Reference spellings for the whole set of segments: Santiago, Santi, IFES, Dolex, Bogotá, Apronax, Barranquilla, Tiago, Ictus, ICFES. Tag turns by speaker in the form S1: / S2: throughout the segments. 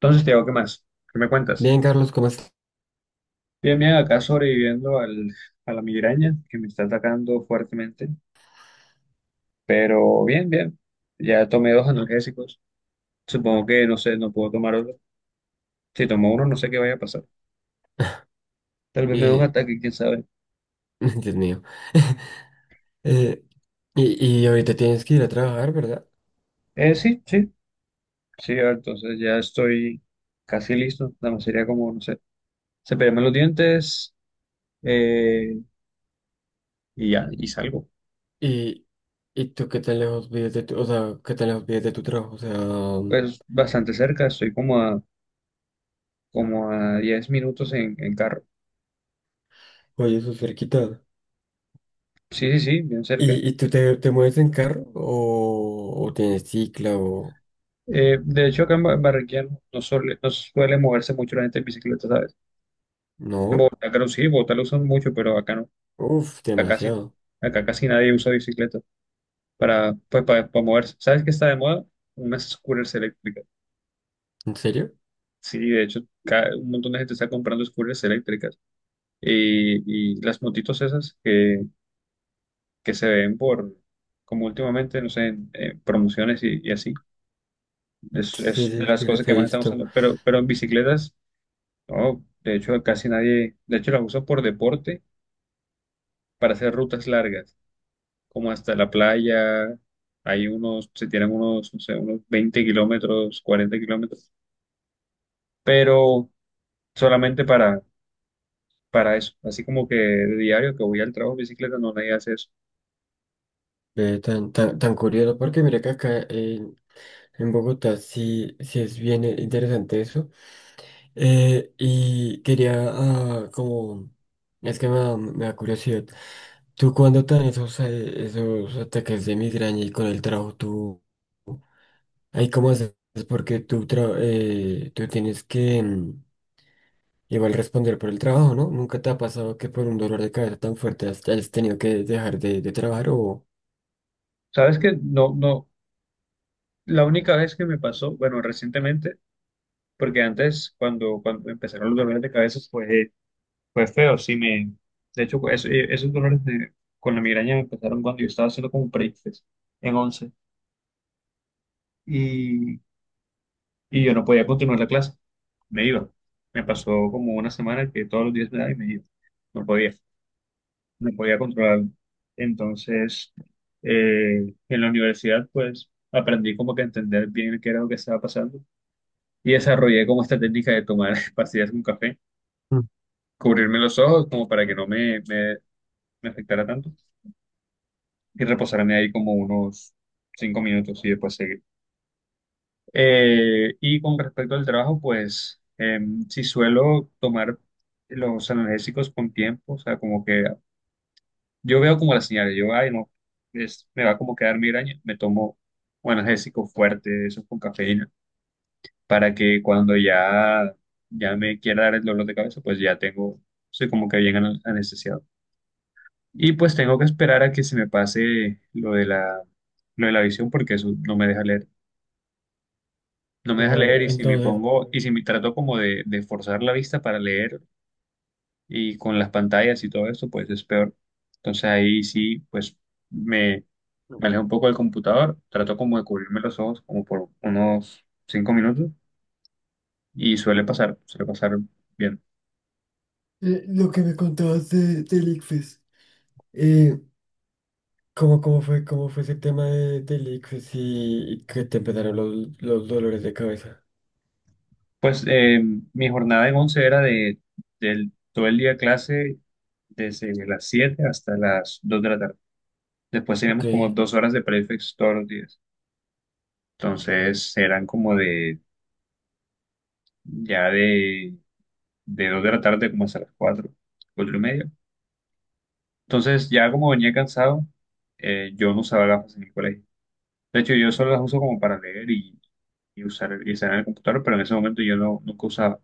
S1: Entonces, Tiago, ¿qué más? ¿Qué me cuentas?
S2: Bien, Carlos, ¿cómo estás?
S1: Bien, bien, acá sobreviviendo a la migraña que me está atacando fuertemente, pero bien, bien. Ya tomé dos analgésicos. Supongo que, no sé, no puedo tomar otro. Si tomo uno, no sé qué vaya a pasar. Tal vez me dé un
S2: Eh,
S1: ataque, quién sabe.
S2: Dios mío. Eh, y ahorita tienes que ir a trabajar, ¿verdad?
S1: Sí, sí, sí, ah, entonces ya estoy casi listo. Nada más sería como, no sé, cepillarme los dientes eh, y ya, y salgo.
S2: Y, y tú, ¿qué tan lejos vives de tu, o sea, qué tan lejos vives de tu trabajo? O sea,
S1: Pues bastante cerca, estoy como como a 10 minutos en carro.
S2: oye, eso es cerquita.
S1: Sí, sí, sí, bien cerca.
S2: ¿Y tú te mueves en carro o tienes cicla o
S1: De hecho, acá en Barranquilla no suele, no suele moverse mucho la gente en bicicleta, ¿sabes? En
S2: no?
S1: Bogotá, claro, sí, en Bogotá lo usan mucho, pero acá no.
S2: Uf,
S1: Acá casi,
S2: demasiado.
S1: acá casi nadie usa bicicleta para, pues, para moverse. ¿Sabes qué está de moda? Unas scooters eléctricas.
S2: ¿En serio?
S1: Sí, de hecho, un montón de gente está comprando scooters eléctricas. Y, y las motitos esas que se ven por, como últimamente, no sé, en promociones y así.
S2: Sí,
S1: Es de
S2: sí,
S1: las
S2: sí,
S1: cosas
S2: las
S1: que
S2: he
S1: más están
S2: visto.
S1: usando. Pero en bicicletas. No, de hecho, casi nadie, de hecho, las uso por deporte para hacer rutas largas, como hasta la playa. Hay unos, se tienen unos, no sé, unos 20 kilómetros, 40 kilómetros, pero solamente para eso. Así como que de diario que voy al trabajo en bicicleta, no nadie hace eso.
S2: Tan, tan, tan curioso, porque mira que acá en Bogotá sí, sí es bien interesante eso. Y quería, ah, como, es que me da curiosidad. ¿Tú cuando te dan esos, esos ataques de migraña y con el trabajo, tú, ahí cómo haces? Porque tú, tú tienes que igual responder por el trabajo, ¿no? ¿Nunca te ha pasado que por un dolor de cabeza tan fuerte has, has tenido que dejar de trabajar o...
S1: ¿Sabes que no, no, la única vez que me pasó, bueno, recientemente, porque antes, cuando empezaron los dolores de cabeza, pues fue feo, sí me... De hecho, esos dolores con la migraña me empezaron cuando yo estaba haciendo como un break en 11 y, y yo no podía continuar la clase, me iba. Me pasó como una semana que todos los días me daba y me iba. No podía, no podía controlarlo. Entonces, en la universidad, pues, aprendí como que a entender bien qué era lo que estaba pasando y desarrollé como esta técnica de tomar pastillas con café,
S2: Mm.
S1: cubrirme los ojos como para que no me afectara tanto y reposarme ahí como unos cinco minutos y después seguir. Y con respecto al trabajo, pues si suelo tomar los analgésicos con tiempo, o sea, como que yo veo como las señales, yo, ay, no, es, me va como a quedar migraña, me tomo un analgésico fuerte, eso con cafeína, para que cuando ya, ya me quiera dar el dolor de cabeza, pues ya tengo, soy como que bien anestesiado. Y pues tengo que esperar a que se me pase lo de la visión porque eso no me deja leer. No me deja
S2: Wow,
S1: leer y si me
S2: entonces,
S1: pongo, y si me trato como de forzar la vista para leer y con las pantallas y todo esto, pues es peor. Entonces ahí sí, pues me, me alejo un poco del computador, trato como de cubrirme los ojos como por unos cinco minutos y suele pasar bien.
S2: lo que me contabas de, del ICFES. ¿Cómo, cómo fue ese tema de, del Ictus y que te empezaron los dolores de cabeza?
S1: Pues mi jornada en 11 era de, del, todo el día clase desde las 7 hasta las 2 de la tarde. Después
S2: Ok,
S1: teníamos como dos horas de prefix todos los días. Entonces eran como de ya de 2 de la tarde como hasta las 4 4 y media. Entonces, ya como venía cansado, yo no usaba gafas en el colegio. De hecho, yo solo las uso como para leer y usar, y estar en el computador, pero en ese momento yo no, nunca usaba.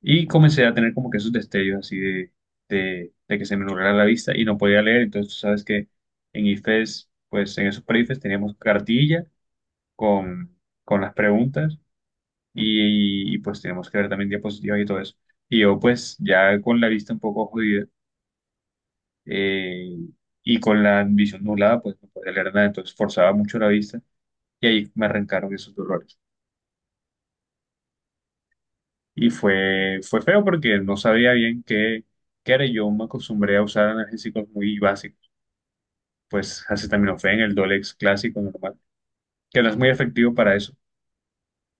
S1: Y comencé a tener como que esos destellos así de que se me nublara la vista y no podía leer. Entonces, tú sabes que en IFES, pues en esos pre-IFES teníamos cartilla con, con las preguntas y, pues tenemos que ver también diapositivas y todo eso. Y yo pues ya con la vista un poco jodida eh, y con la visión nublada pues no podía leer nada, entonces forzaba mucho la vista y ahí me arrancaron esos dolores. Y fue, fue feo porque no sabía bien qué, qué era. Yo me acostumbré a usar analgésicos muy básicos, pues acetaminofén, el Dolex clásico normal, que no es muy efectivo para eso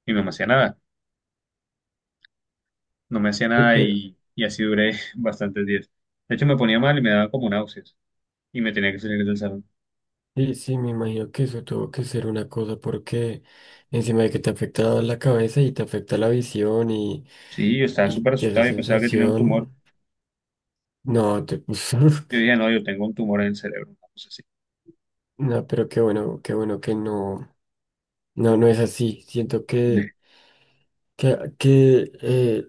S1: y no me hacía nada, no me hacía nada
S2: pero
S1: y, y así duré bastantes días. De hecho me ponía mal y me daba como náuseas, y me tenía que salir del salón.
S2: sí, sí, me imagino que eso tuvo que ser una cosa porque encima de que te afecta la cabeza y te afecta la visión
S1: Sí, yo estaba
S2: y
S1: súper
S2: te da
S1: asustado, yo pensaba que tenía un tumor.
S2: sensación, no, te puso,
S1: Yo dije, no, yo tengo un tumor en el cerebro, una cosa así.
S2: no, pero qué bueno que no, no, no es así. Siento que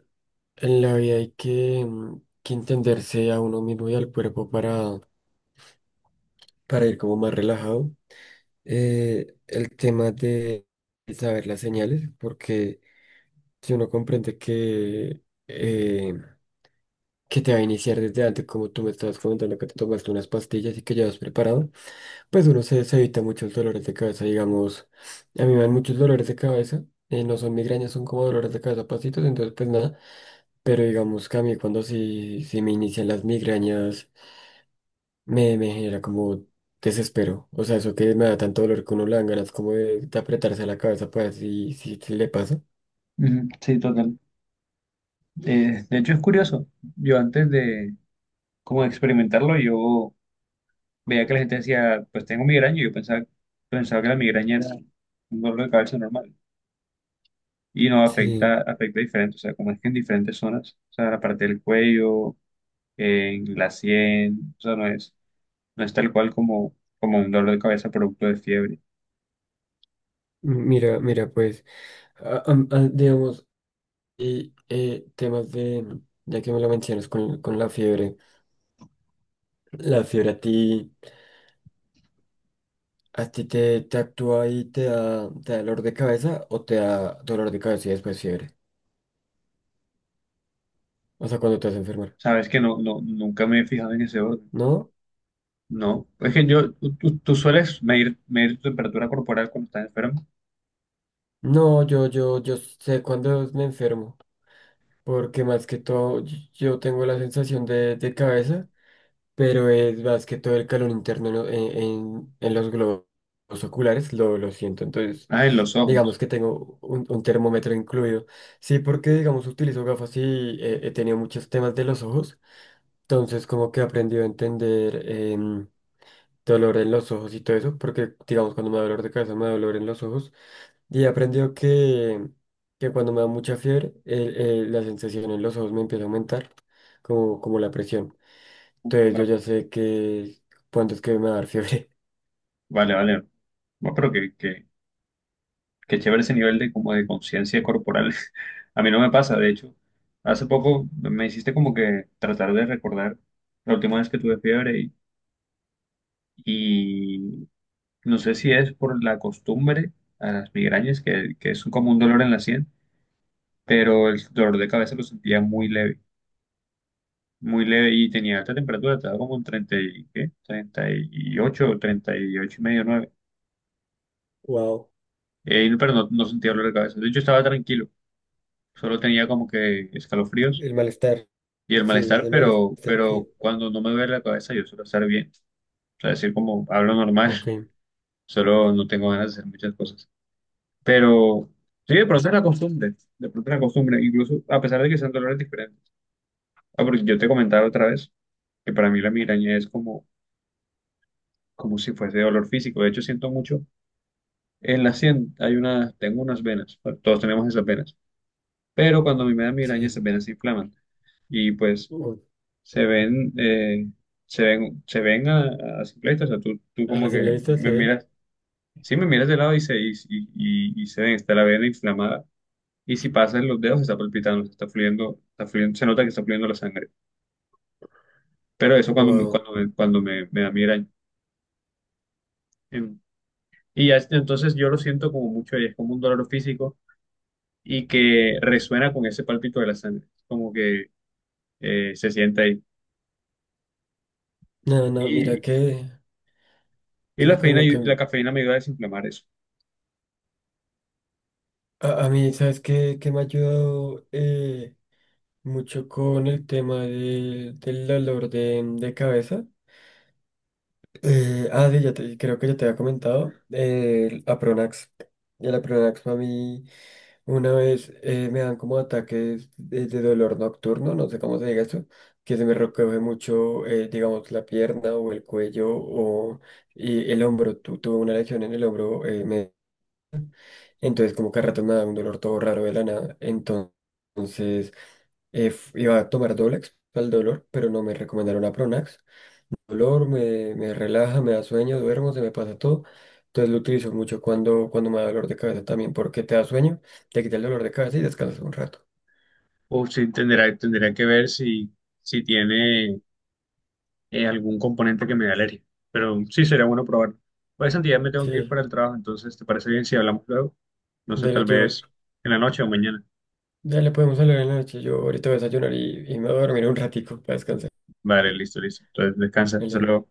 S2: en la vida hay que, que entenderse a uno mismo y al cuerpo para ir como más relajado. El tema de saber las señales, porque si uno comprende eh, que te va a iniciar desde antes, como tú me estabas comentando que te tomaste unas pastillas y que ya vas preparado, pues uno se, se evita muchos dolores de cabeza, digamos, a mí me dan muchos dolores de cabeza. No son migrañas, son como dolores de cabeza, pasitos, entonces pues nada, pero digamos que a mí cuando sí, sí me inician las migrañas, me genera como desespero. O sea, eso que me da tanto dolor que uno le dan ganas como de apretarse la cabeza para ver si, si, si le pasa.
S1: Ujú, sí, total. De hecho, es curioso. Yo antes de como de experimentarlo, yo veía que la gente decía, pues tengo migraña, y yo pensaba, pensaba que la migraña era un dolor de cabeza normal. Y no,
S2: Sí,
S1: afecta, afecta diferente, o sea, como es que en diferentes zonas, o sea, la parte del cuello, en la sien, o sea, no es, no es tal cual como, como un dolor de cabeza producto de fiebre.
S2: mira, mira, pues, digamos, y temas de, ya que me lo mencionas con ¿la fiebre a ti te, te actúa y te da dolor de cabeza o te da dolor de cabeza y después fiebre? O sea, cuando te vas a enfermar.
S1: Sabes que no, no, nunca me he fijado en ese orden.
S2: ¿No?
S1: No, es que yo, tú, tú sueles medir, medir tu temperatura corporal cuando estás enfermo.
S2: No, yo sé cuando me enfermo. Porque más que todo yo tengo la sensación de cabeza, pero es más que todo el calor interno en, en los globos oculares, lo siento. Entonces,
S1: Ah, en los
S2: digamos
S1: ojos.
S2: que tengo un termómetro incluido. Sí, porque digamos utilizo gafas y he tenido muchos temas de los ojos, entonces como que he aprendido a entender em, dolor en los ojos y todo eso, porque digamos cuando me da dolor de cabeza me da dolor en los ojos. Y aprendió que cuando me da mucha fiebre, la sensación en los ojos me empieza a aumentar, como, como la presión. Entonces yo
S1: Bueno,
S2: ya sé que cuándo es que me va a dar fiebre.
S1: vale, vale. Bueno, pero que chévere ese nivel de como de conciencia corporal. A mí no me pasa, de hecho. Hace poco me hiciste como que tratar de recordar la última vez que tuve fiebre y no sé si es por la costumbre a las migrañas, que es como un dolor en la sien, pero el dolor de cabeza lo sentía muy leve. Muy leve y tenía alta temperatura, estaba como en 30 y, ¿qué? Treinta y ocho y medio, nueve.
S2: Wow,
S1: Pero no, no sentía dolor de cabeza. De hecho, estaba tranquilo, solo tenía como que escalofríos
S2: el malestar.
S1: y el
S2: Sí,
S1: malestar,
S2: ese malestar
S1: pero
S2: que...
S1: cuando no me duele la cabeza yo suelo estar bien. O sea, decir como hablo
S2: Ok,
S1: normal, solo no tengo ganas de hacer muchas cosas. Pero sí, de pronto es la costumbre, de pronto es la costumbre, incluso a pesar de que sean dolores diferentes. Ah, porque yo te comentaba otra vez que para mí la migraña es como, como si fuese dolor físico. De hecho, siento mucho. En la sien hay una, tengo unas venas, pues, todos tenemos esas venas, pero cuando a mí me da migraña esas
S2: sí.
S1: venas se inflaman y pues
S2: Uh,
S1: se ven, se ven, se ven a simple vista, o sea, tú
S2: a
S1: como que
S2: simple vista
S1: me
S2: se ven.
S1: miras, sí me miras de lado y se, y, y se ven, está la vena inflamada y si pasas los dedos está palpitando, está fluyendo, se nota que está fluyendo la sangre, pero eso cuando me,
S2: Wow.
S1: cuando me, cuando me da migraña. Em, Y ya, entonces yo lo siento como mucho, y es como un dolor físico y que resuena con ese palpito de la sangre, como que se siente ahí.
S2: No, no, mira
S1: Y, y la
S2: que con
S1: cafeína,
S2: lo
S1: la
S2: que...
S1: cafeína me ayuda a desinflamar eso.
S2: A, a mí, ¿sabes qué, qué me ha ayudado mucho con el tema del del dolor de cabeza? Sí, ya te, creo que ya te había comentado el Apronax. Y el Apronax a mí una vez me dan como ataques de dolor nocturno, no sé cómo se diga eso, que se me recoge mucho, digamos, la pierna o el cuello o y el hombro. Tuve una lesión en el hombro, entonces como que a ratos me da un dolor todo raro de la nada. Entonces iba a tomar Dolex para el dolor, pero no me recomendaron Apronax dolor, me relaja, me da sueño, duermo, se me pasa todo. Entonces lo utilizo mucho cuando, cuando me da dolor de cabeza también, porque te da sueño, te quita el dolor de cabeza y descansas un rato.
S1: O si tendrá, tendría que ver si, si tiene algún componente que me dé alergia. Pero sí sería bueno probarlo. Pues Santi, ya me tengo
S2: Sí,
S1: que ir para el trabajo, entonces ¿te parece bien si hablamos luego? No sé,
S2: dale,
S1: tal
S2: yo,
S1: vez en la noche o mañana.
S2: dale, podemos hablar en la noche. Yo ahorita voy a desayunar y me voy a dormir un ratico para descansar.
S1: Vale, listo, listo. Entonces descansa, hasta
S2: Dale.
S1: luego.